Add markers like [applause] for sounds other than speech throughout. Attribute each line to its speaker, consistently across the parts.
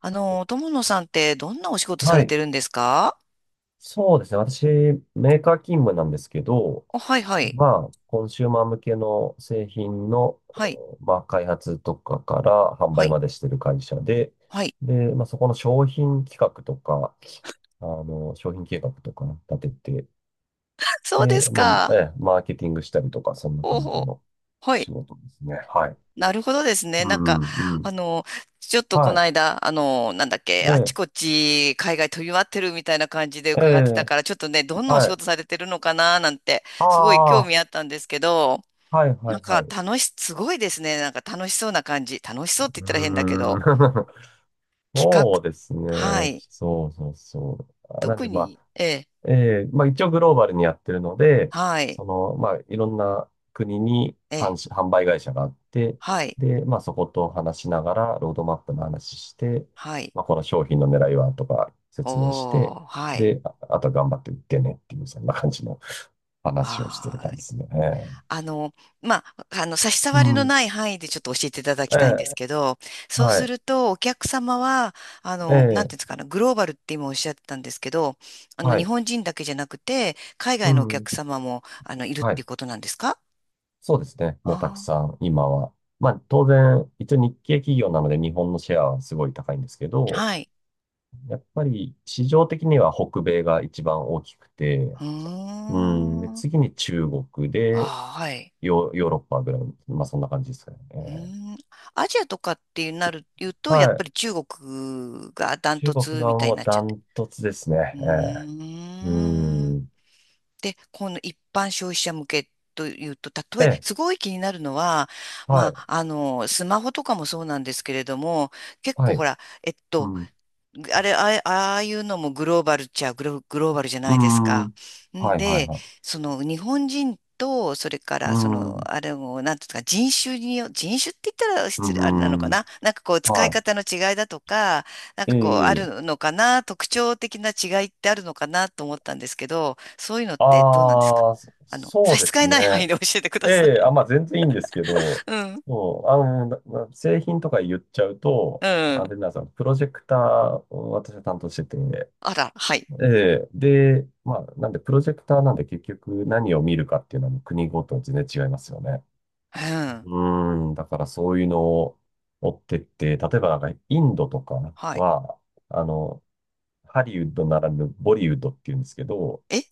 Speaker 1: 友野さんってどんなお仕事さ
Speaker 2: は
Speaker 1: れ
Speaker 2: い。
Speaker 1: てるんですか？
Speaker 2: そうですね。私、メーカー勤務なんですけど、
Speaker 1: お、はいはい。
Speaker 2: まあ、コンシューマー向けの製品の、
Speaker 1: はい。
Speaker 2: まあ、開発とかから販
Speaker 1: は
Speaker 2: 売
Speaker 1: い。
Speaker 2: までしてる会社で、
Speaker 1: はい。
Speaker 2: で、まあ、そこの商品企画とか、商品計画とか立てて、
Speaker 1: [laughs] そうで
Speaker 2: で、
Speaker 1: す
Speaker 2: まあ、え
Speaker 1: か。
Speaker 2: え、マーケティングしたりとか、そんな
Speaker 1: ほう
Speaker 2: 感じ
Speaker 1: ほう。
Speaker 2: の
Speaker 1: は
Speaker 2: 仕
Speaker 1: い。
Speaker 2: 事ですね。はい。
Speaker 1: なるほどですね。
Speaker 2: う
Speaker 1: なんか、
Speaker 2: ん、う
Speaker 1: あ
Speaker 2: ん。
Speaker 1: の、ちょっとこの
Speaker 2: は
Speaker 1: 間、なんだっけ、
Speaker 2: い。え
Speaker 1: あっち
Speaker 2: え、
Speaker 1: こっち海外飛び回ってるみたいな感じで
Speaker 2: え
Speaker 1: 伺ってた
Speaker 2: え、
Speaker 1: から、ちょっとね、どんなお仕
Speaker 2: はい。
Speaker 1: 事されてるのかななんて、
Speaker 2: あ
Speaker 1: すごい興
Speaker 2: あ、
Speaker 1: 味あったんですけど、
Speaker 2: はい、は
Speaker 1: なん
Speaker 2: い、はい。
Speaker 1: か
Speaker 2: う
Speaker 1: 楽し、すごいですね。なんか楽しそうな感じ。楽しそうって言ったら変だけ
Speaker 2: ーん。
Speaker 1: ど、
Speaker 2: [laughs]
Speaker 1: 企画、
Speaker 2: そうです
Speaker 1: は
Speaker 2: ね。
Speaker 1: い。
Speaker 2: そうそうそう。あなん
Speaker 1: 特
Speaker 2: で、まあ、
Speaker 1: に、ええ。
Speaker 2: まあ一応グローバルにやってるので、
Speaker 1: はい。
Speaker 2: その、まあいろんな国に
Speaker 1: え
Speaker 2: 販
Speaker 1: え、
Speaker 2: し、販売会社があって、
Speaker 1: はい、
Speaker 2: で、まあそこと話しながら、ロードマップの話して、
Speaker 1: はい、
Speaker 2: まあこの商品の狙いはとか説明し
Speaker 1: お
Speaker 2: て、
Speaker 1: ー、はい、
Speaker 2: で、あとは頑張って売ってねっていう、そんな感じの話をしてる
Speaker 1: あ
Speaker 2: 感じで
Speaker 1: ー
Speaker 2: すね。
Speaker 1: あの、まあ、差し障り
Speaker 2: う
Speaker 1: の
Speaker 2: ん。
Speaker 1: ない範囲でちょっと教えていただ
Speaker 2: え
Speaker 1: きたいんで
Speaker 2: え、
Speaker 1: すけど、そう
Speaker 2: は
Speaker 1: す
Speaker 2: い。
Speaker 1: ると、お客様は、
Speaker 2: え
Speaker 1: なん
Speaker 2: え、
Speaker 1: ていうんですかね、グローバルって今おっしゃってたんですけど、
Speaker 2: は
Speaker 1: 日
Speaker 2: い。
Speaker 1: 本人だけじゃなくて、海
Speaker 2: う
Speaker 1: 外のお
Speaker 2: ん。
Speaker 1: 客様も、いるっ
Speaker 2: は
Speaker 1: てい
Speaker 2: い。
Speaker 1: うことなんですか？
Speaker 2: そうですね。
Speaker 1: あ
Speaker 2: もうたく
Speaker 1: ー、
Speaker 2: さん、今は。まあ、当然、一応日系企業なので日本のシェアはすごい高いんですけど、
Speaker 1: はい。
Speaker 2: やっぱり市場的には北米が一番大きくて、
Speaker 1: うー
Speaker 2: うん、で、
Speaker 1: ん。
Speaker 2: 次に中国で、
Speaker 1: あー、はい。
Speaker 2: ヨーロッパぐらい、まあそんな感じですかね。
Speaker 1: うー
Speaker 2: ー
Speaker 1: ん。アジアとかってなる、言うと、や
Speaker 2: は
Speaker 1: っぱ
Speaker 2: い。
Speaker 1: り中国がダン
Speaker 2: 中
Speaker 1: ト
Speaker 2: 国
Speaker 1: ツ
Speaker 2: が
Speaker 1: みたい
Speaker 2: も
Speaker 1: に
Speaker 2: う
Speaker 1: なっちゃ
Speaker 2: ダ
Speaker 1: って。
Speaker 2: ントツですね。
Speaker 1: うー
Speaker 2: う
Speaker 1: ん。
Speaker 2: ん。
Speaker 1: で、この一般消費者向けというと、
Speaker 2: ええ、
Speaker 1: すごい気になるのは、
Speaker 2: は
Speaker 1: ま
Speaker 2: い、
Speaker 1: あ、スマホとかもそうなんですけれども、結
Speaker 2: は
Speaker 1: 構ほ
Speaker 2: い。
Speaker 1: ら、えっ
Speaker 2: う
Speaker 1: と、
Speaker 2: ん、
Speaker 1: あれ、ああああいうのもグローバルっちゃグローバルじゃ
Speaker 2: う
Speaker 1: ないです
Speaker 2: ん、は
Speaker 1: か。
Speaker 2: い、
Speaker 1: ん
Speaker 2: はい、
Speaker 1: で、
Speaker 2: はい。
Speaker 1: その日本人と、それか
Speaker 2: う
Speaker 1: らその、
Speaker 2: ん、
Speaker 1: あれも、なんていうんですか、人種って言ったら
Speaker 2: う
Speaker 1: 失礼、あれなのか
Speaker 2: ん、
Speaker 1: ななんかこう、使い
Speaker 2: は
Speaker 1: 方の違いだとか、なんかこう、あ
Speaker 2: い。
Speaker 1: る
Speaker 2: ええ
Speaker 1: のかな特徴的な違いってあるのかなと思ったんですけど、そういうのってどうなんですか？
Speaker 2: ああ、そそ
Speaker 1: 差
Speaker 2: う
Speaker 1: し
Speaker 2: で
Speaker 1: 支
Speaker 2: す
Speaker 1: え
Speaker 2: ね。
Speaker 1: ない範囲で教えてくださ
Speaker 2: ええ、あ、
Speaker 1: い。
Speaker 2: まあ全然いいんですけ
Speaker 1: [laughs]
Speaker 2: ど、
Speaker 1: うん、
Speaker 2: そう、な製品とか言っちゃうと、
Speaker 1: う
Speaker 2: あ
Speaker 1: ん。
Speaker 2: れなんですよ、プロジェクターを私は担当してて、
Speaker 1: あら、はい。
Speaker 2: ええ、で、まあ、なんでプロジェクターなんで結局何を見るかっていうのは国ごとに全然違いますよね。
Speaker 1: うん、
Speaker 2: うーん、だからそういうのを追ってって、例えばなんかインドとか
Speaker 1: はい。
Speaker 2: は、あの、ハリウッドならぬボリウッドっていうんですけど、
Speaker 1: え、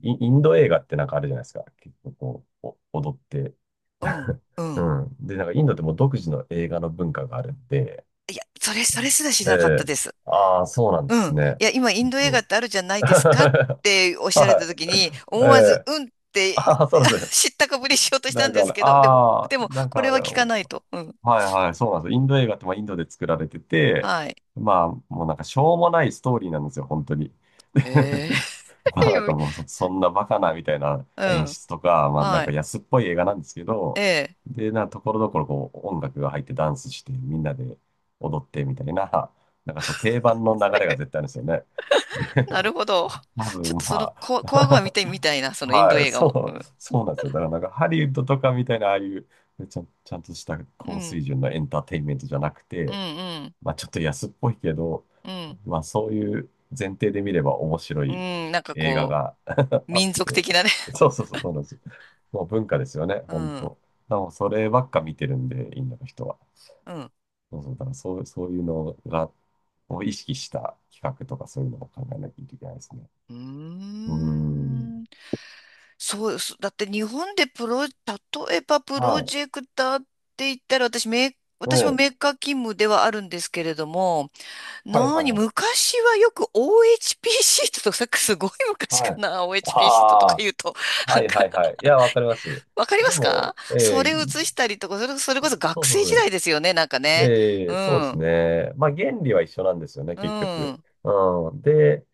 Speaker 2: インド映画ってなんかあるじゃないですか。結構こう、お踊って。
Speaker 1: うん、う
Speaker 2: う
Speaker 1: ん。
Speaker 2: ん。で、なんかインドってもう独自の映画の文化があるんで、
Speaker 1: いや、それすらし
Speaker 2: え
Speaker 1: なかった
Speaker 2: え
Speaker 1: です。
Speaker 2: ああー、そうなんで
Speaker 1: う
Speaker 2: す
Speaker 1: ん。
Speaker 2: ね。
Speaker 1: いや、今、イ
Speaker 2: そ
Speaker 1: ン
Speaker 2: う
Speaker 1: ド映
Speaker 2: そ
Speaker 1: 画っ
Speaker 2: う。
Speaker 1: てあるじゃないですかっておっ
Speaker 2: [laughs]
Speaker 1: しゃられた
Speaker 2: は
Speaker 1: 時に、
Speaker 2: い。え
Speaker 1: 思わず、
Speaker 2: え
Speaker 1: うんって
Speaker 2: ああー、そうです
Speaker 1: [laughs]
Speaker 2: ね。
Speaker 1: 知ったかぶりしようとした
Speaker 2: だ
Speaker 1: んで
Speaker 2: か
Speaker 1: す
Speaker 2: ら、
Speaker 1: けど、でも、
Speaker 2: ああ、
Speaker 1: でも、
Speaker 2: なん
Speaker 1: これ
Speaker 2: か、
Speaker 1: は聞かないと。うん。
Speaker 2: はいはい、そうなんですよ。インド映画ってまあインドで作られてて、
Speaker 1: はい。
Speaker 2: まあもうなんかしょうもないストーリーなんですよ、本当に。で
Speaker 1: へえ。
Speaker 2: [laughs] まあなんかもうそ、
Speaker 1: [laughs]
Speaker 2: そんなバカなみたいな
Speaker 1: う
Speaker 2: 演
Speaker 1: ん。
Speaker 2: 出とか、まあなん
Speaker 1: は
Speaker 2: か
Speaker 1: い。
Speaker 2: 安っぽい映画なんですけ
Speaker 1: え
Speaker 2: ど、
Speaker 1: え。
Speaker 2: で、ところどころこう音楽が入ってダンスしてみんなで踊ってみたいな、なんかそう定番の流れが絶対あるんですよね。で
Speaker 1: なるほ
Speaker 2: [laughs]
Speaker 1: ど。
Speaker 2: 多
Speaker 1: ちょ
Speaker 2: 分
Speaker 1: っとその、
Speaker 2: ま
Speaker 1: こわごわ見
Speaker 2: あ、
Speaker 1: てみたいな、
Speaker 2: [laughs]
Speaker 1: そのインド
Speaker 2: はい、
Speaker 1: 映画も。う
Speaker 2: そう、
Speaker 1: ん。
Speaker 2: そうなんですよ。だからなんかハリウッドとかみたいな、ああいうちゃんとした
Speaker 1: う
Speaker 2: 高
Speaker 1: ん。
Speaker 2: 水準のエンターテインメントじゃなく
Speaker 1: う
Speaker 2: て、
Speaker 1: ん。
Speaker 2: まあちょっと安っぽいけど、
Speaker 1: うん。
Speaker 2: まあそういう前提で見れば面白
Speaker 1: う
Speaker 2: い
Speaker 1: ん。うん、なんか
Speaker 2: 映画
Speaker 1: こ
Speaker 2: が [laughs]
Speaker 1: う、
Speaker 2: あっ
Speaker 1: 民族
Speaker 2: て、
Speaker 1: 的なね。
Speaker 2: そうそうそう、そうなんですよ。もう文化ですよね、
Speaker 1: う
Speaker 2: 本
Speaker 1: ん。
Speaker 2: 当。でもそればっか見てるんで、インドの人は。
Speaker 1: うん。
Speaker 2: そうそう、だからそう、そういうのが、を意識した企画とかそういうのを考えなきゃいけないですね。
Speaker 1: うー
Speaker 2: うーん。
Speaker 1: ん。そうです。だって日本で例えばプロ
Speaker 2: は
Speaker 1: ジェクターって言ったら
Speaker 2: い。え
Speaker 1: 私もメ
Speaker 2: え。
Speaker 1: ーカー勤務ではあるんですけれども、
Speaker 2: はい
Speaker 1: な
Speaker 2: はい
Speaker 1: に、
Speaker 2: はい。
Speaker 1: 昔はよく OHP シートとか、さっきすごい昔か
Speaker 2: はい。
Speaker 1: な、[laughs] OHP シートとか
Speaker 2: あ
Speaker 1: 言うと、
Speaker 2: あ、
Speaker 1: な
Speaker 2: は
Speaker 1: ん
Speaker 2: いは
Speaker 1: か、
Speaker 2: いはい。いや、わかります。
Speaker 1: わかりま
Speaker 2: で
Speaker 1: す
Speaker 2: も、
Speaker 1: か？
Speaker 2: え
Speaker 1: そ
Speaker 2: え、
Speaker 1: れ写したりとか、それこそ
Speaker 2: そ
Speaker 1: 学
Speaker 2: う
Speaker 1: 生時
Speaker 2: そうそ
Speaker 1: 代
Speaker 2: う。
Speaker 1: ですよね、なんかね。
Speaker 2: え
Speaker 1: う
Speaker 2: え、そうです
Speaker 1: ん、
Speaker 2: ね。まあ、原理は一緒なんですよね、
Speaker 1: う
Speaker 2: 結局。
Speaker 1: ん。
Speaker 2: うん。で、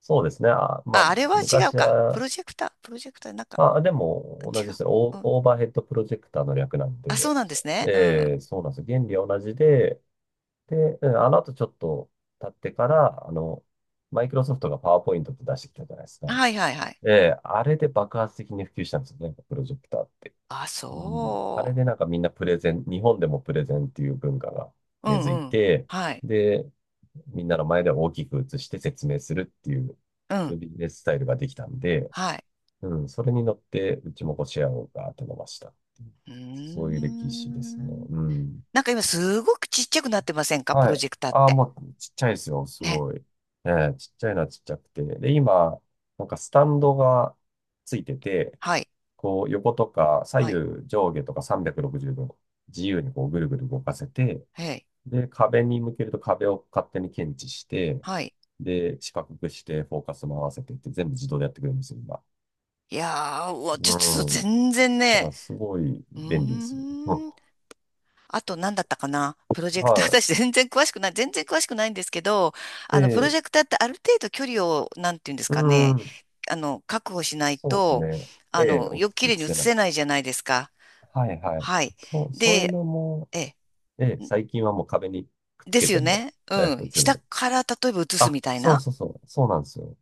Speaker 2: そうですね。あ、まあ、
Speaker 1: あ、あれは違う
Speaker 2: 昔
Speaker 1: か。プ
Speaker 2: は、
Speaker 1: ロジェクター、プロジェクター、なんか、
Speaker 2: あ、でも同じ
Speaker 1: 違
Speaker 2: で
Speaker 1: う。
Speaker 2: す。オ
Speaker 1: う
Speaker 2: ー、
Speaker 1: ん。
Speaker 2: オーバーヘッドプロジェクターの略なん
Speaker 1: あ、そう
Speaker 2: で、
Speaker 1: なんですね。う
Speaker 2: え
Speaker 1: ん。
Speaker 2: え、そうなんです。原理は同じで、で、うんあの後ちょっと経ってから、マイクロソフトがパワーポイントって出してきたじゃないですか。
Speaker 1: はいはいはい。
Speaker 2: ええ、あれで爆発的に普及したんですよね、プロジェクターって。
Speaker 1: あ、
Speaker 2: うん、あれ
Speaker 1: そ
Speaker 2: でなんかみんなプレゼン、日本でもプレゼンっていう文化が
Speaker 1: う。う
Speaker 2: 根付
Speaker 1: ん
Speaker 2: い
Speaker 1: うん。
Speaker 2: て、
Speaker 1: はい。
Speaker 2: で、みんなの前で大きく映して説明するっていう、
Speaker 1: う
Speaker 2: そ
Speaker 1: ん。
Speaker 2: ういうビジネススタイルができたんで、
Speaker 1: はい。
Speaker 2: うん、それに乗って、うちもこうシェアをガーッと伸ばした。
Speaker 1: うー
Speaker 2: そういう歴史ですね。
Speaker 1: ん。
Speaker 2: うん。
Speaker 1: なんか今すごくちっちゃくなってませんか？プロ
Speaker 2: はい。
Speaker 1: ジェクターっ
Speaker 2: ああ、
Speaker 1: て。
Speaker 2: もうちっちゃいですよ、す
Speaker 1: ね。
Speaker 2: ごい。ええ、ちっちゃいのはちっちゃくて。で、今、なんかスタンドがついてて、
Speaker 1: はい。
Speaker 2: こう横とか左
Speaker 1: はい。
Speaker 2: 右上下とか360度自由にこうぐるぐる動かせて、
Speaker 1: はい。
Speaker 2: で、壁に向けると壁を勝手に検知して、
Speaker 1: はい。
Speaker 2: で、四角くしてフォーカスも合わせてって全部自動でやってくれるんですよ、今。
Speaker 1: いやー、うわ、ちょ、
Speaker 2: う
Speaker 1: ちょっと
Speaker 2: ん。
Speaker 1: 全然
Speaker 2: だか
Speaker 1: ね。
Speaker 2: らすごい
Speaker 1: う
Speaker 2: 便利ですよ。[laughs] うん
Speaker 1: ーん。あと何だったかな、プロジェクター。[laughs]
Speaker 2: は
Speaker 1: 私全然詳しくない。全然詳しくないんですけど、
Speaker 2: い。え
Speaker 1: プロ
Speaker 2: え、
Speaker 1: ジェクターってある程度距離を、なんていうんです
Speaker 2: う
Speaker 1: かね。
Speaker 2: ん。
Speaker 1: 確保しない
Speaker 2: そうです
Speaker 1: と、
Speaker 2: ね。ええ、大
Speaker 1: よく
Speaker 2: きく
Speaker 1: 綺
Speaker 2: 映
Speaker 1: 麗に映
Speaker 2: せない。
Speaker 1: せないじゃないですか。
Speaker 2: はいはい。
Speaker 1: はい。
Speaker 2: そう、そういう
Speaker 1: で、
Speaker 2: のも、
Speaker 1: え、
Speaker 2: ええ、最近はもう壁にくっつ
Speaker 1: で
Speaker 2: け
Speaker 1: すよ
Speaker 2: ても、
Speaker 1: ね。う
Speaker 2: ええ、
Speaker 1: ん。
Speaker 2: 映る
Speaker 1: 下
Speaker 2: の。
Speaker 1: から例えば移す
Speaker 2: あ、
Speaker 1: みたい
Speaker 2: そう
Speaker 1: な。
Speaker 2: そうそう、そうなんですよ。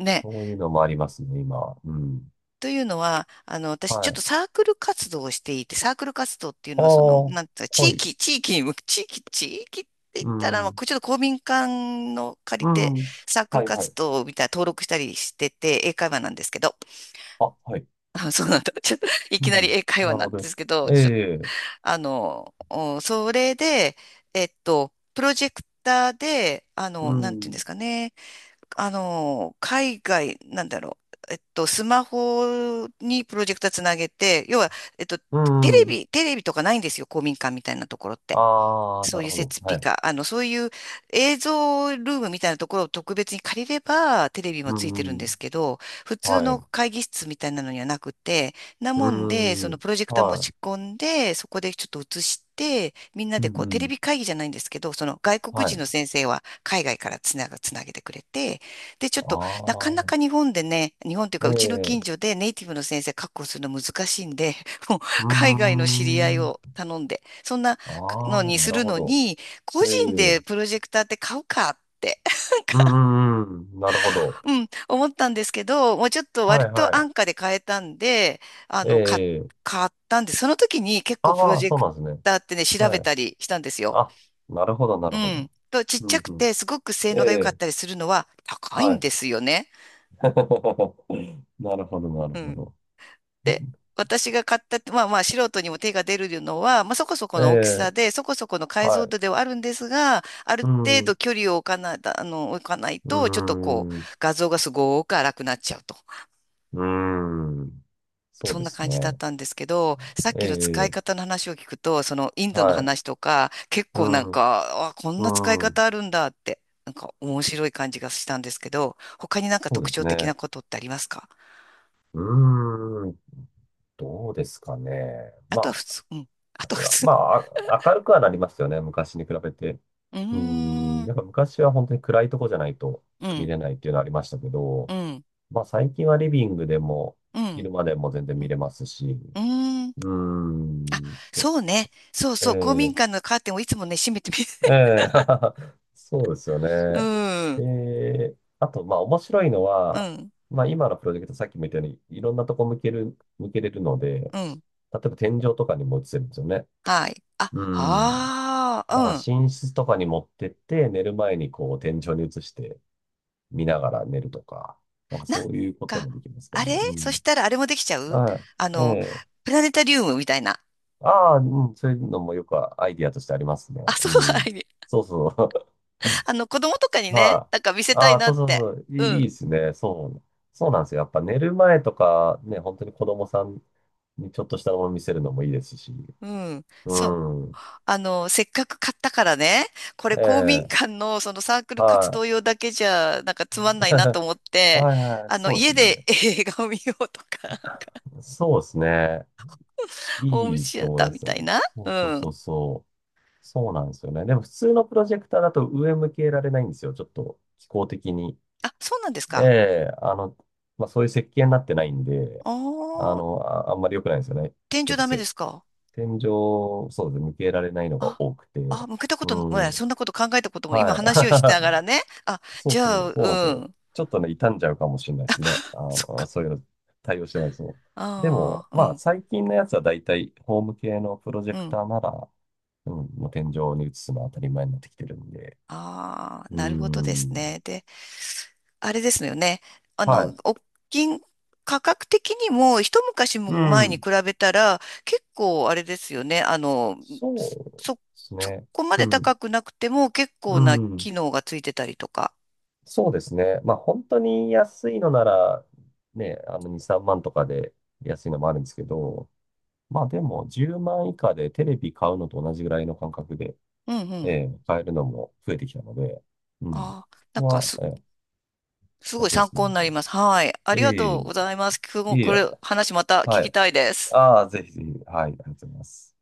Speaker 1: ね。
Speaker 2: そういうのもありますね、今。うん。
Speaker 1: というのは、私
Speaker 2: は
Speaker 1: ちょっと
Speaker 2: い。
Speaker 1: サークル活動をしていて、サークル活動っていう
Speaker 2: ああ、
Speaker 1: のは、その、なんていうか、地
Speaker 2: はい。
Speaker 1: 域、地域に向く、地域って言っ
Speaker 2: う
Speaker 1: たら、まあ、
Speaker 2: ん。
Speaker 1: こうちょっと公民館の借り
Speaker 2: う
Speaker 1: て、
Speaker 2: ん。
Speaker 1: サーク
Speaker 2: は
Speaker 1: ル
Speaker 2: いはい。
Speaker 1: 活動みたいな登録したりしてて、英会話なんですけど、
Speaker 2: あ、はい。
Speaker 1: あ、そうなんだ。ちょっと、い
Speaker 2: う
Speaker 1: き
Speaker 2: ん。
Speaker 1: なり英会
Speaker 2: な
Speaker 1: 話
Speaker 2: る
Speaker 1: な
Speaker 2: ほ
Speaker 1: んで
Speaker 2: ど。
Speaker 1: すけど、
Speaker 2: え
Speaker 1: ち
Speaker 2: え。
Speaker 1: あの、それで、プロジェクターで、
Speaker 2: う
Speaker 1: なんていうん
Speaker 2: ん。
Speaker 1: ですかね、海外、なんだろう、スマホにプロジェクターつなげて、要は、えっと、
Speaker 2: う
Speaker 1: テレ
Speaker 2: ん。
Speaker 1: ビ、テレビとかないんですよ、公民館みたいなところって。
Speaker 2: ああ、
Speaker 1: そ
Speaker 2: な
Speaker 1: うい
Speaker 2: る
Speaker 1: う
Speaker 2: ほど。
Speaker 1: 設備
Speaker 2: はい。
Speaker 1: か、そういう映像ルームみたいなところを特別に借りれば、テレビも
Speaker 2: う
Speaker 1: ついてるんです
Speaker 2: ん。
Speaker 1: けど、普通
Speaker 2: は
Speaker 1: の
Speaker 2: い。
Speaker 1: 会議室みたいなのにはなくて、なもんで、そ
Speaker 2: う
Speaker 1: の
Speaker 2: ん。
Speaker 1: プロジェクター持
Speaker 2: は
Speaker 1: ち
Speaker 2: い。
Speaker 1: 込んで、そこでちょっと映して、みんな
Speaker 2: うん
Speaker 1: で
Speaker 2: う
Speaker 1: こう、テレ
Speaker 2: ん。
Speaker 1: ビ会議じゃないんですけど、その外国
Speaker 2: は
Speaker 1: 人
Speaker 2: い。
Speaker 1: の先生は海外からつなげてくれて、で、ちょっ
Speaker 2: あ
Speaker 1: と、なかなか
Speaker 2: あ、
Speaker 1: 日本でね、日本という
Speaker 2: え
Speaker 1: か、うちの近所
Speaker 2: え。
Speaker 1: でネイティブの先生確保するの難しいんで、もう、
Speaker 2: うー
Speaker 1: 海外の知り合い
Speaker 2: ん。
Speaker 1: を頼んで、そんな、
Speaker 2: あ
Speaker 1: の
Speaker 2: あ、
Speaker 1: に
Speaker 2: な
Speaker 1: す
Speaker 2: る
Speaker 1: る
Speaker 2: ほ
Speaker 1: の
Speaker 2: ど。
Speaker 1: に、個
Speaker 2: え
Speaker 1: 人
Speaker 2: え。
Speaker 1: でプロジェクターって買うかって、[laughs] なん
Speaker 2: う
Speaker 1: か、
Speaker 2: んうんうん。なるほど。
Speaker 1: うん、思ったんですけど、もうちょっと
Speaker 2: は
Speaker 1: 割
Speaker 2: い
Speaker 1: と
Speaker 2: は
Speaker 1: 安価で買えたんで、あ
Speaker 2: い。え
Speaker 1: の、買、
Speaker 2: え。
Speaker 1: 買ったんで、その時に結構プロ
Speaker 2: ああ、
Speaker 1: ジェ
Speaker 2: そう
Speaker 1: ク
Speaker 2: なんですね。
Speaker 1: ターってね、調
Speaker 2: は
Speaker 1: べ
Speaker 2: い。
Speaker 1: たりしたんですよ。
Speaker 2: あ、なるほど、な
Speaker 1: う
Speaker 2: るほ
Speaker 1: ん。
Speaker 2: ど。
Speaker 1: と、ちっ
Speaker 2: う
Speaker 1: ちゃ
Speaker 2: ん
Speaker 1: く
Speaker 2: うん。
Speaker 1: て、すごく性
Speaker 2: え
Speaker 1: 能が良かっ
Speaker 2: え、
Speaker 1: たりするのは高い
Speaker 2: は
Speaker 1: ん
Speaker 2: い。
Speaker 1: ですよね。
Speaker 2: [laughs] なるほど、なる
Speaker 1: う
Speaker 2: ほ
Speaker 1: ん。
Speaker 2: ど。
Speaker 1: で、私が買ったって、まあまあ素人にも手が出るのは、まあそこそこ
Speaker 2: え
Speaker 1: の大きさ
Speaker 2: え、
Speaker 1: で、そこそこの解像
Speaker 2: はい。
Speaker 1: 度ではあるんですが、ある
Speaker 2: う
Speaker 1: 程
Speaker 2: ん、う
Speaker 1: 度距離を置かない、あの、置かない
Speaker 2: ー
Speaker 1: と、ちょっとこう、
Speaker 2: ん、う
Speaker 1: 画像がすごく荒くなっちゃうと。
Speaker 2: ーん。そ
Speaker 1: そ
Speaker 2: う
Speaker 1: ん
Speaker 2: で
Speaker 1: な
Speaker 2: す
Speaker 1: 感じだっ
Speaker 2: ね。
Speaker 1: たんですけど、さっ
Speaker 2: え
Speaker 1: きの使い
Speaker 2: え、
Speaker 1: 方の話を聞くと、そのインドの
Speaker 2: はい。
Speaker 1: 話とか、結
Speaker 2: う
Speaker 1: 構なん
Speaker 2: ん、
Speaker 1: か、あ、こん
Speaker 2: う
Speaker 1: な使い
Speaker 2: ん。
Speaker 1: 方あるんだって、なんか面白い感じがしたんですけど、他になんか
Speaker 2: そうで
Speaker 1: 特
Speaker 2: す
Speaker 1: 徴的な
Speaker 2: ね。
Speaker 1: ことってありますか？
Speaker 2: うーん、どうですかね。
Speaker 1: あ
Speaker 2: ま
Speaker 1: とは普
Speaker 2: あ、
Speaker 1: 通、うん。あとは普通。
Speaker 2: まあ、明るくはなりますよね。昔に比べて。
Speaker 1: うー
Speaker 2: うーん、
Speaker 1: ん、
Speaker 2: やっぱ昔は本当に暗いとこじゃないと
Speaker 1: う
Speaker 2: 見
Speaker 1: ん、
Speaker 2: れないっていうのはありましたけど、
Speaker 1: うん。
Speaker 2: まあ最近はリビングでも、
Speaker 1: うん。
Speaker 2: 昼間でも全然
Speaker 1: う
Speaker 2: 見
Speaker 1: ん。
Speaker 2: れますし、
Speaker 1: うー
Speaker 2: う
Speaker 1: ん、
Speaker 2: ーんと、
Speaker 1: そうね。そう
Speaker 2: え
Speaker 1: そう。公民
Speaker 2: え
Speaker 1: 館のカーテンをいつもね、閉めてみる。
Speaker 2: ええ [laughs] そうですよ
Speaker 1: [laughs] う
Speaker 2: ね。
Speaker 1: ん。
Speaker 2: で、あと、まあ面白いの
Speaker 1: う
Speaker 2: は、
Speaker 1: ん。
Speaker 2: まあ今のプロジェクトさっきも言ったように、いろんなとこ向けれるので、例
Speaker 1: うん。
Speaker 2: えば天井とかにも映せるんですよね。
Speaker 1: はい。あ、
Speaker 2: うん。
Speaker 1: ああ、
Speaker 2: だから
Speaker 1: うん。
Speaker 2: 寝室とかに持ってって、寝る前にこう天井に移して見ながら寝るとか、なんか
Speaker 1: な
Speaker 2: そ
Speaker 1: ん
Speaker 2: ういうこと
Speaker 1: か、
Speaker 2: もできますけど
Speaker 1: あれ、
Speaker 2: ね。う
Speaker 1: そ
Speaker 2: ん。
Speaker 1: したらあれもできちゃう、
Speaker 2: は
Speaker 1: あ
Speaker 2: い。え
Speaker 1: の、
Speaker 2: え
Speaker 1: プラネタリウムみたいな。
Speaker 2: ああ、うん、そういうのもよくアイディアとしてありますね。
Speaker 1: あ、そ
Speaker 2: う
Speaker 1: う、[laughs] は
Speaker 2: ん。
Speaker 1: い。
Speaker 2: そうそう。
Speaker 1: 子供とか
Speaker 2: [laughs]
Speaker 1: にね、
Speaker 2: は
Speaker 1: なんか見
Speaker 2: い。
Speaker 1: せた
Speaker 2: あ
Speaker 1: い
Speaker 2: あ、
Speaker 1: な
Speaker 2: そ
Speaker 1: っ
Speaker 2: うそ
Speaker 1: て。
Speaker 2: うそう。い
Speaker 1: う
Speaker 2: い、い
Speaker 1: ん。
Speaker 2: いですね。そう。そうなんですよ。やっぱ寝る前とか、ね、本当に子供さんにちょっとしたもの見せるのもいいですし。
Speaker 1: うん。
Speaker 2: う
Speaker 1: そう。
Speaker 2: ん。
Speaker 1: せっかく買ったからね、これ
Speaker 2: え
Speaker 1: 公民
Speaker 2: え、
Speaker 1: 館のそのサークル活
Speaker 2: は
Speaker 1: 動用だけじゃなんかつ
Speaker 2: い。
Speaker 1: まんないなと
Speaker 2: [laughs]
Speaker 1: 思って、
Speaker 2: はいはい、そうで
Speaker 1: 家
Speaker 2: す
Speaker 1: で
Speaker 2: ね。
Speaker 1: [laughs] 映画を見ようとか、なんか
Speaker 2: そうですね。
Speaker 1: ホーム
Speaker 2: いい
Speaker 1: シ
Speaker 2: と
Speaker 1: ア
Speaker 2: 思
Speaker 1: タ
Speaker 2: い
Speaker 1: ー
Speaker 2: ま
Speaker 1: み
Speaker 2: す
Speaker 1: た
Speaker 2: よ。
Speaker 1: いな。
Speaker 2: そう
Speaker 1: う
Speaker 2: そうそう
Speaker 1: ん。
Speaker 2: そう。そうなんですよね。でも普通のプロジェクターだと上向けられないんですよ。ちょっと気候的に。
Speaker 1: あ、そうなんです
Speaker 2: え
Speaker 1: か。
Speaker 2: え、まあ、そういう設計になってないんで、
Speaker 1: ああ、
Speaker 2: あんまり良くないんですよね。
Speaker 1: 天
Speaker 2: ちょっ
Speaker 1: 井
Speaker 2: と
Speaker 1: ダメで
Speaker 2: せ、
Speaker 1: すか。
Speaker 2: 天井、そうですね、向けられないのが
Speaker 1: あ、
Speaker 2: 多くて。
Speaker 1: あ、向けたこと、
Speaker 2: うん、
Speaker 1: そんなこと考えたことも今話をしなが
Speaker 2: は
Speaker 1: らね。あ、
Speaker 2: い。[laughs] そう
Speaker 1: じ
Speaker 2: そ
Speaker 1: ゃ
Speaker 2: う、
Speaker 1: あ、
Speaker 2: そうなんです
Speaker 1: う
Speaker 2: よ。
Speaker 1: ん。
Speaker 2: ちょっとね、傷んじゃうかもしれないですね。
Speaker 1: そっか。
Speaker 2: そういうの対応してないですよ。で
Speaker 1: あ
Speaker 2: も、
Speaker 1: あ、う
Speaker 2: まあ、
Speaker 1: ん、
Speaker 2: 最近のやつはだいたいホーム系のプロジェ
Speaker 1: う
Speaker 2: クタ
Speaker 1: ん。
Speaker 2: ーなら、うん、もう天井に映すのは当たり前になってきてるんで。
Speaker 1: ああ、
Speaker 2: う
Speaker 1: なるほどです
Speaker 2: ん、
Speaker 1: ね。で、あれですよね。
Speaker 2: はい。
Speaker 1: お金、価格的にも一昔
Speaker 2: う
Speaker 1: も前に比
Speaker 2: ん、
Speaker 1: べたら結構あれですよね。
Speaker 2: そうで
Speaker 1: そ、
Speaker 2: す
Speaker 1: そ
Speaker 2: ね。
Speaker 1: こまで
Speaker 2: うん。
Speaker 1: 高くなくても結
Speaker 2: う
Speaker 1: 構な
Speaker 2: ん。
Speaker 1: 機能がついてたりとか。
Speaker 2: そうですね。まあ本当に安いのなら、ね、あの2、3万とかで安いのもあるんですけど、まあでも10万以下でテレビ買うのと同じぐらいの感覚で、
Speaker 1: うんう
Speaker 2: え
Speaker 1: ん。
Speaker 2: え買えるのも増えてきたので、うん。
Speaker 1: ああ、
Speaker 2: そ
Speaker 1: な
Speaker 2: こ
Speaker 1: んか
Speaker 2: は、ええ
Speaker 1: す
Speaker 2: だい
Speaker 1: ごい
Speaker 2: ぶ
Speaker 1: 参
Speaker 2: 安くな
Speaker 1: 考に
Speaker 2: っ
Speaker 1: な
Speaker 2: て
Speaker 1: り
Speaker 2: ま
Speaker 1: ま
Speaker 2: す。
Speaker 1: す。はい。あ
Speaker 2: え
Speaker 1: りが
Speaker 2: え
Speaker 1: と
Speaker 2: い
Speaker 1: う
Speaker 2: え
Speaker 1: ございます。今日も
Speaker 2: い
Speaker 1: こ
Speaker 2: え、
Speaker 1: れ話また聞
Speaker 2: は
Speaker 1: き
Speaker 2: い。
Speaker 1: たいです。
Speaker 2: ああ、ぜひぜひ、はい、ありがとうございます。